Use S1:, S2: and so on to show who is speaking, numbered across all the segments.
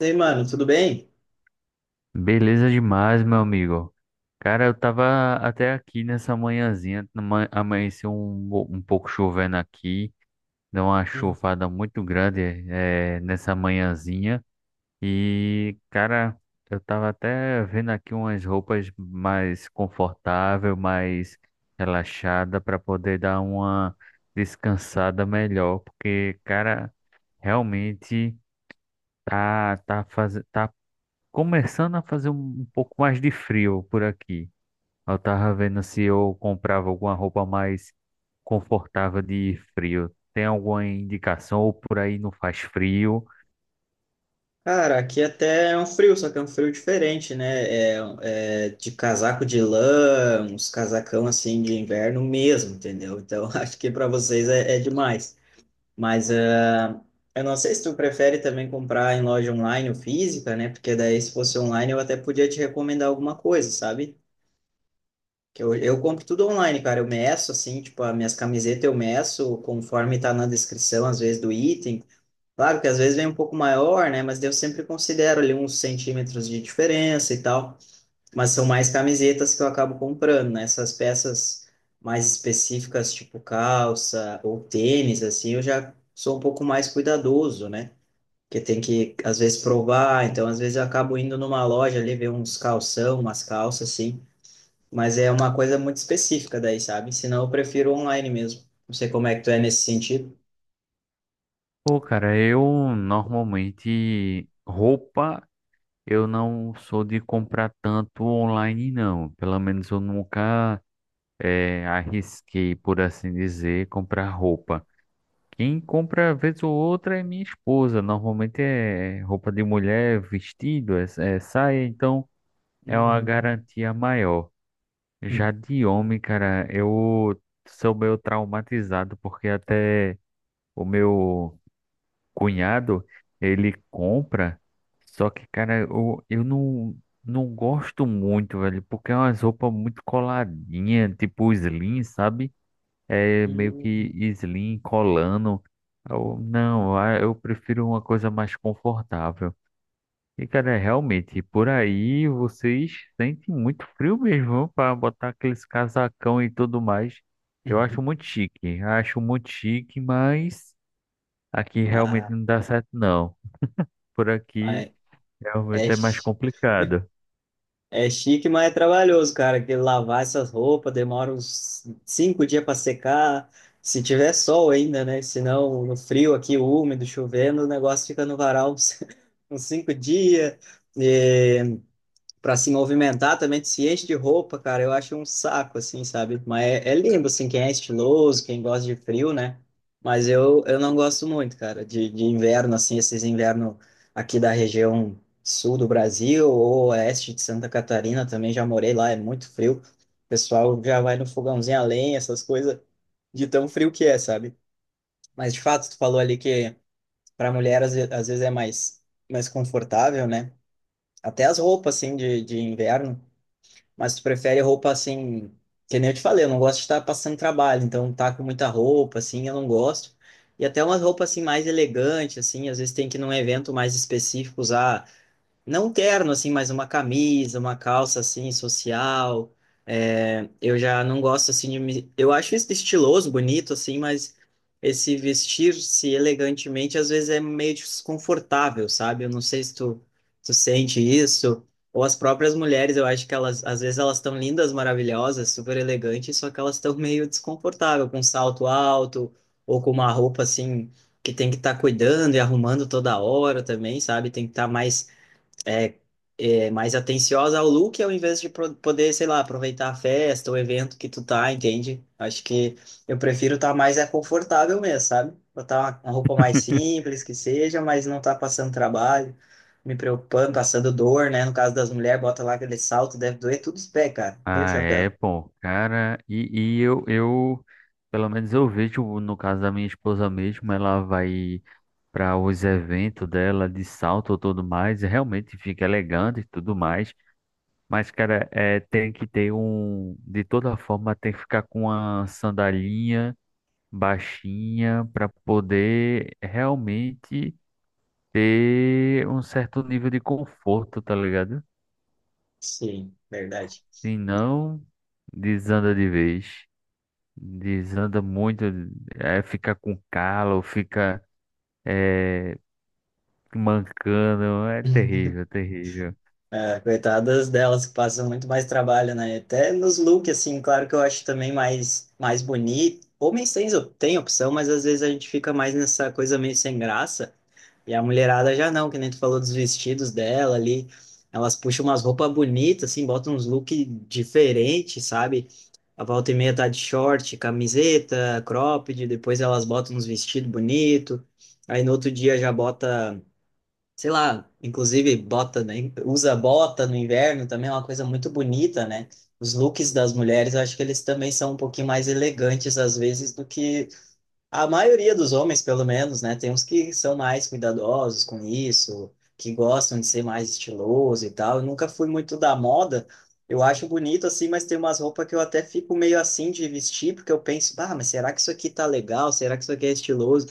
S1: E aí, mano, tudo bem?
S2: Beleza demais, meu amigo. Cara, eu tava até aqui nessa manhãzinha, amanheceu um pouco chovendo aqui, deu uma
S1: Hum.
S2: chuvada muito grande nessa manhãzinha. E, cara, eu tava até vendo aqui umas roupas mais confortável, mais relaxada para poder dar uma descansada melhor, porque, cara, realmente tá começando a fazer um pouco mais de frio por aqui. Eu tava vendo se eu comprava alguma roupa mais confortável de frio. Tem alguma indicação ou por aí não faz frio?
S1: Cara, aqui até é um frio, só que é um frio diferente, né? É de casaco de lã, uns casacão assim de inverno mesmo, entendeu? Então acho que para vocês é demais. Mas ah, eu não sei se tu prefere também comprar em loja online ou física, né? Porque daí se fosse online eu até podia te recomendar alguma coisa, sabe? Que eu compro tudo online, cara. Eu meço assim, tipo, as minhas camisetas eu meço conforme tá na descrição, às vezes, do item. Claro que às vezes vem um pouco maior, né? Mas eu sempre considero ali uns centímetros de diferença e tal. Mas são mais camisetas que eu acabo comprando, né? Essas peças mais específicas, tipo calça ou tênis, assim, eu já sou um pouco mais cuidadoso, né? Porque tem que, às vezes, provar. Então, às vezes, eu acabo indo numa loja ali ver uns calção, umas calças, assim. Mas é uma coisa muito específica daí, sabe? Senão, eu prefiro online mesmo. Não sei como é que tu é nesse sentido.
S2: Pô, cara, eu normalmente roupa eu não sou de comprar tanto online não. Pelo menos eu nunca arrisquei, por assim dizer, comprar roupa. Quem compra vez ou outra é minha esposa. Normalmente é roupa de mulher, vestido, é, é saia, então é uma
S1: Uhum.
S2: garantia maior. Já de homem, cara, eu sou meio traumatizado porque até o meu cunhado, ele compra, só que, cara, eu não, não gosto muito, velho, porque é umas roupas muito coladinhas, tipo slim, sabe? É meio que
S1: Uhum.
S2: slim, colando. Eu, não, ah, eu prefiro uma coisa mais confortável. E, cara, realmente, por aí vocês sentem muito frio mesmo para botar aqueles casacão e tudo mais. Eu
S1: Uhum.
S2: acho muito chique, mas aqui realmente
S1: Ah,
S2: não dá certo, não. Por aqui
S1: mas
S2: realmente
S1: é,
S2: é mais complicado.
S1: é chique, mas é trabalhoso, cara. Que lavar essas roupas demora uns 5 dias para secar. Se tiver sol ainda, né? Senão, no frio aqui, úmido, chovendo, o negócio fica no varal uns, uns 5 dias. Para se movimentar também, se enche de roupa, cara, eu acho um saco, assim, sabe? Mas é, é lindo, assim, quem é estiloso, quem gosta de frio, né? Mas eu não gosto muito, cara, de inverno, assim, esses invernos aqui da região sul do Brasil ou oeste de Santa Catarina também, já morei lá, é muito frio. O pessoal já vai no fogãozinho a lenha, essas coisas, de tão frio que é, sabe? Mas, de fato, tu falou ali que para mulher, às vezes, é mais, mais confortável, né? Até as roupas, assim, de inverno, mas tu prefere roupa assim, que nem eu te falei, eu não gosto de estar passando trabalho, então tá com muita roupa, assim, eu não gosto. E até umas roupas assim mais elegantes, assim, às vezes tem que ir num evento mais específico usar não um terno, assim, mas uma camisa, uma calça, assim, social. É, eu já não gosto, assim, de me... Eu acho isso estiloso, bonito, assim, mas esse vestir-se elegantemente, às vezes, é meio desconfortável, sabe? Eu não sei se tu sente isso. Ou as próprias mulheres, eu acho que elas, às vezes, elas estão lindas, maravilhosas, super elegantes, só que elas estão meio desconfortáveis, com salto alto, ou com uma roupa, assim, que tem que estar cuidando e arrumando toda hora também, sabe? Tem que estar mais é, é mais atenciosa ao look ao invés de poder, sei lá, aproveitar a festa, o evento que tu tá, entende? Acho que eu prefiro estar mais é confortável mesmo, sabe? Botar uma roupa mais simples que seja, mas não tá passando trabalho, me preocupando, passando dor, né? No caso das mulheres, bota lá aquele salto, deve doer tudo os pés, cara. E o
S2: Ah,
S1: chapéu?
S2: é, pô, cara, e, e eu, pelo menos eu vejo, no caso da minha esposa mesmo, ela vai para os eventos dela de salto e tudo mais, e realmente fica elegante e tudo mais. Mas, cara, é, tem que ter um. De toda forma, tem que ficar com uma sandalinha baixinha para poder realmente ter um certo nível de conforto, tá ligado?
S1: Sim, verdade.
S2: Se não, desanda de vez. Desanda muito, é, fica com calo, fica é, mancando, é terrível, terrível.
S1: É, coitadas delas que passam muito mais trabalho, né? Até nos looks, assim, claro que eu acho também mais, mais bonito. Homens têm, tem opção, mas às vezes a gente fica mais nessa coisa meio sem graça. E a mulherada já não, que nem tu falou dos vestidos dela ali. Elas puxam umas roupas bonitas, assim, botam uns looks diferentes, sabe? A volta e meia tá de short, camiseta, cropped, depois elas botam uns vestidos bonitos. Aí no outro dia já bota, sei lá, inclusive bota, né, usa bota no inverno também é uma coisa muito bonita, né? Os looks das mulheres, eu acho que eles também são um pouquinho mais elegantes às vezes do que a maioria dos homens, pelo menos, né? Tem uns que são mais cuidadosos com isso, que gostam de ser mais estiloso e tal. Eu nunca fui muito da moda. Eu acho bonito assim, mas tem umas roupas que eu até fico meio assim de vestir, porque eu penso, ah, mas será que isso aqui tá legal? Será que isso aqui é estiloso?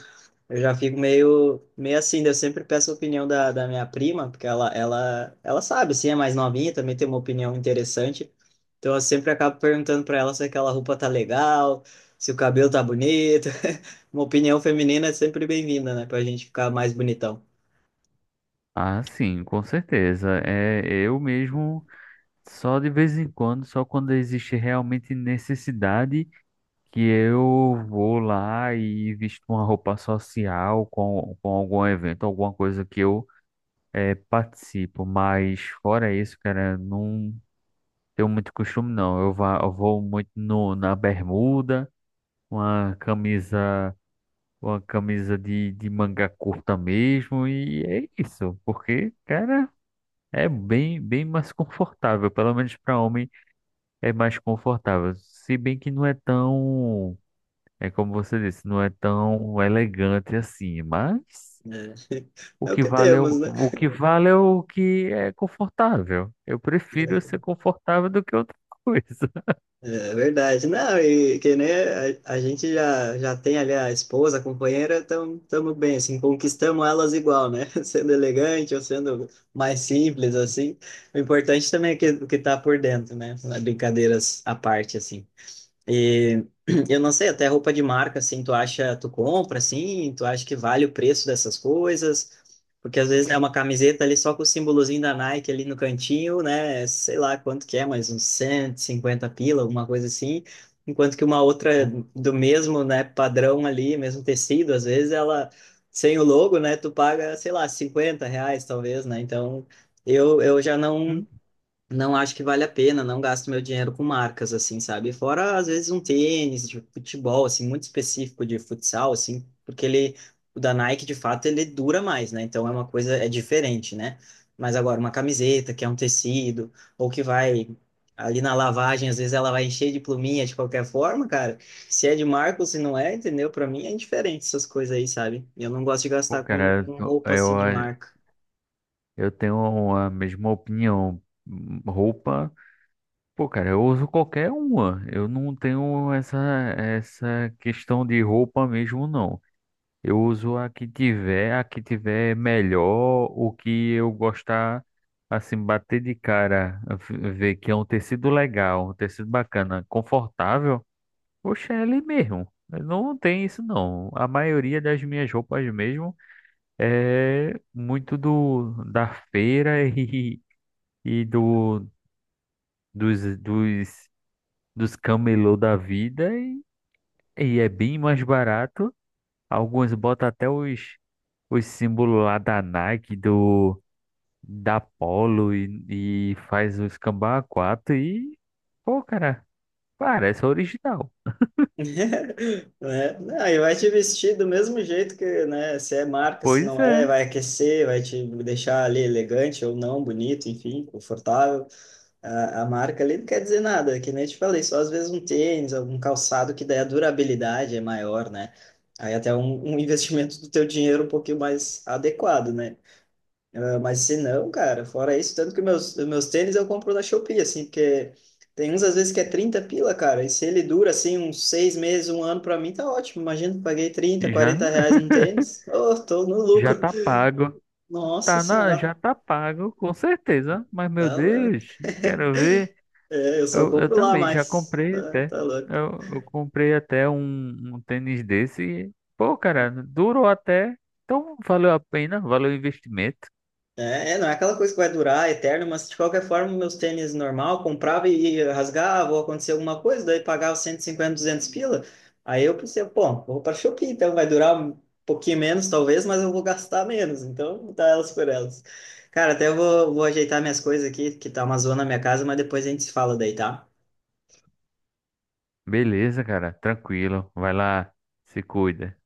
S1: Eu já fico meio, meio assim, daí eu sempre peço a opinião da minha prima, porque ela sabe, sim, é mais novinha, também tem uma opinião interessante. Então eu sempre acabo perguntando para ela se aquela roupa tá legal, se o cabelo tá bonito. Uma opinião feminina é sempre bem-vinda, né? Pra gente ficar mais bonitão.
S2: Ah, sim, com certeza. É, eu mesmo, só de vez em quando, só quando existe realmente necessidade, que eu vou lá e visto uma roupa social com algum evento, alguma coisa que eu participo. Mas fora isso, cara, não tenho muito costume, não. Eu, vá, eu vou muito no, na bermuda, uma camisa, uma camisa de manga curta mesmo, e é isso, porque, cara. É bem, bem mais confortável, pelo menos para homem é mais confortável. Se bem que não é tão, é como você disse, não é tão elegante assim, mas
S1: É,
S2: o
S1: é o
S2: que
S1: que
S2: vale é
S1: temos, né?
S2: o que vale é o que é confortável. Eu prefiro ser confortável do que outra coisa.
S1: É verdade. Não, e que nem a gente já, já tem ali a esposa, a companheira, estamos bem, assim, conquistamos elas igual, né? Sendo elegante ou sendo mais simples, assim. O importante também é que, o que tá por dentro, né? Brincadeiras à parte, assim. E eu não sei, até roupa de marca, assim, tu acha, tu compra, assim, tu acha que vale o preço dessas coisas? Porque às vezes é uma camiseta ali só com o símbolozinho da Nike ali no cantinho, né? Sei lá quanto que é, mas uns 150 pila, alguma coisa assim. Enquanto que uma outra do mesmo, né, padrão ali, mesmo tecido, às vezes ela, sem o logo, né, tu paga, sei lá, 50 reais talvez, né? Então, eu já não
S2: Hum.
S1: não acho que vale a pena, não gasto meu dinheiro com marcas, assim, sabe? Fora, às vezes, um tênis de futebol, assim, muito específico de futsal, assim, porque ele, o da Nike, de fato, ele dura mais, né? Então, é uma coisa, é diferente, né? Mas agora, uma camiseta, que é um tecido, ou que vai ali na lavagem, às vezes ela vai encher de pluminha de qualquer forma, cara. Se é de marca ou se não é, entendeu? Pra mim é indiferente essas coisas aí, sabe? Eu não gosto de
S2: Pô,
S1: gastar
S2: cara,
S1: com roupa, assim, de marca.
S2: eu tenho a mesma opinião. Roupa, pô, cara, eu uso qualquer uma. Eu não tenho essa, Essa questão de roupa mesmo, não. Eu uso a que tiver melhor, o que eu gostar, assim, bater de cara, ver que é um tecido legal, um tecido bacana, confortável. Oxe, é ali mesmo. Não tem isso não. A maioria das minhas roupas mesmo é muito do da feira e do dos dos dos camelô da vida e é bem mais barato. Alguns botam até os símbolos lá da Nike, do, da Polo e faz o cambá a quatro e, pô, cara, parece original.
S1: Né? Não, e vai te vestir do mesmo jeito que, né, se é marca, se
S2: Pois
S1: não é,
S2: é,
S1: vai aquecer, vai te deixar ali elegante ou não, bonito, enfim, confortável. A marca ali não quer dizer nada, que nem eu te falei, só às vezes um tênis, algum calçado que daí a durabilidade é maior, né? Aí até um, um investimento do teu dinheiro um pouquinho mais adequado, né? Ah, mas se não, cara, fora isso, tanto que meus tênis eu compro na Shopee, assim, porque tem uns às vezes que é 30 pila, cara, e se ele dura, assim, uns 6 meses, um ano, pra mim tá ótimo. Imagina, eu paguei 30,
S2: já,
S1: 40 reais num tênis, oh, tô no
S2: já
S1: lucro.
S2: tá pago.
S1: Nossa
S2: Tá na,
S1: Senhora,
S2: já tá pago, com certeza. Mas, meu
S1: tá louco.
S2: Deus, quero ver.
S1: É, eu só
S2: Eu
S1: compro lá
S2: também já
S1: mais,
S2: comprei
S1: tá,
S2: até.
S1: tá louco.
S2: Eu comprei até um, um tênis desse. E, pô, cara, durou até. Então, valeu a pena, valeu o investimento.
S1: É, não é aquela coisa que vai durar eterno, mas de qualquer forma, meus tênis normal, comprava e rasgava, ou acontecia alguma coisa, daí pagava 150, 200 pila. Aí eu pensei, pô, vou para Shopee, então vai durar um pouquinho menos, talvez, mas eu vou gastar menos, então vou dar elas por elas. Cara, até eu vou ajeitar minhas coisas aqui, que tá uma zona na minha casa, mas depois a gente se fala daí, tá?
S2: Beleza, cara. Tranquilo. Vai lá. Se cuida.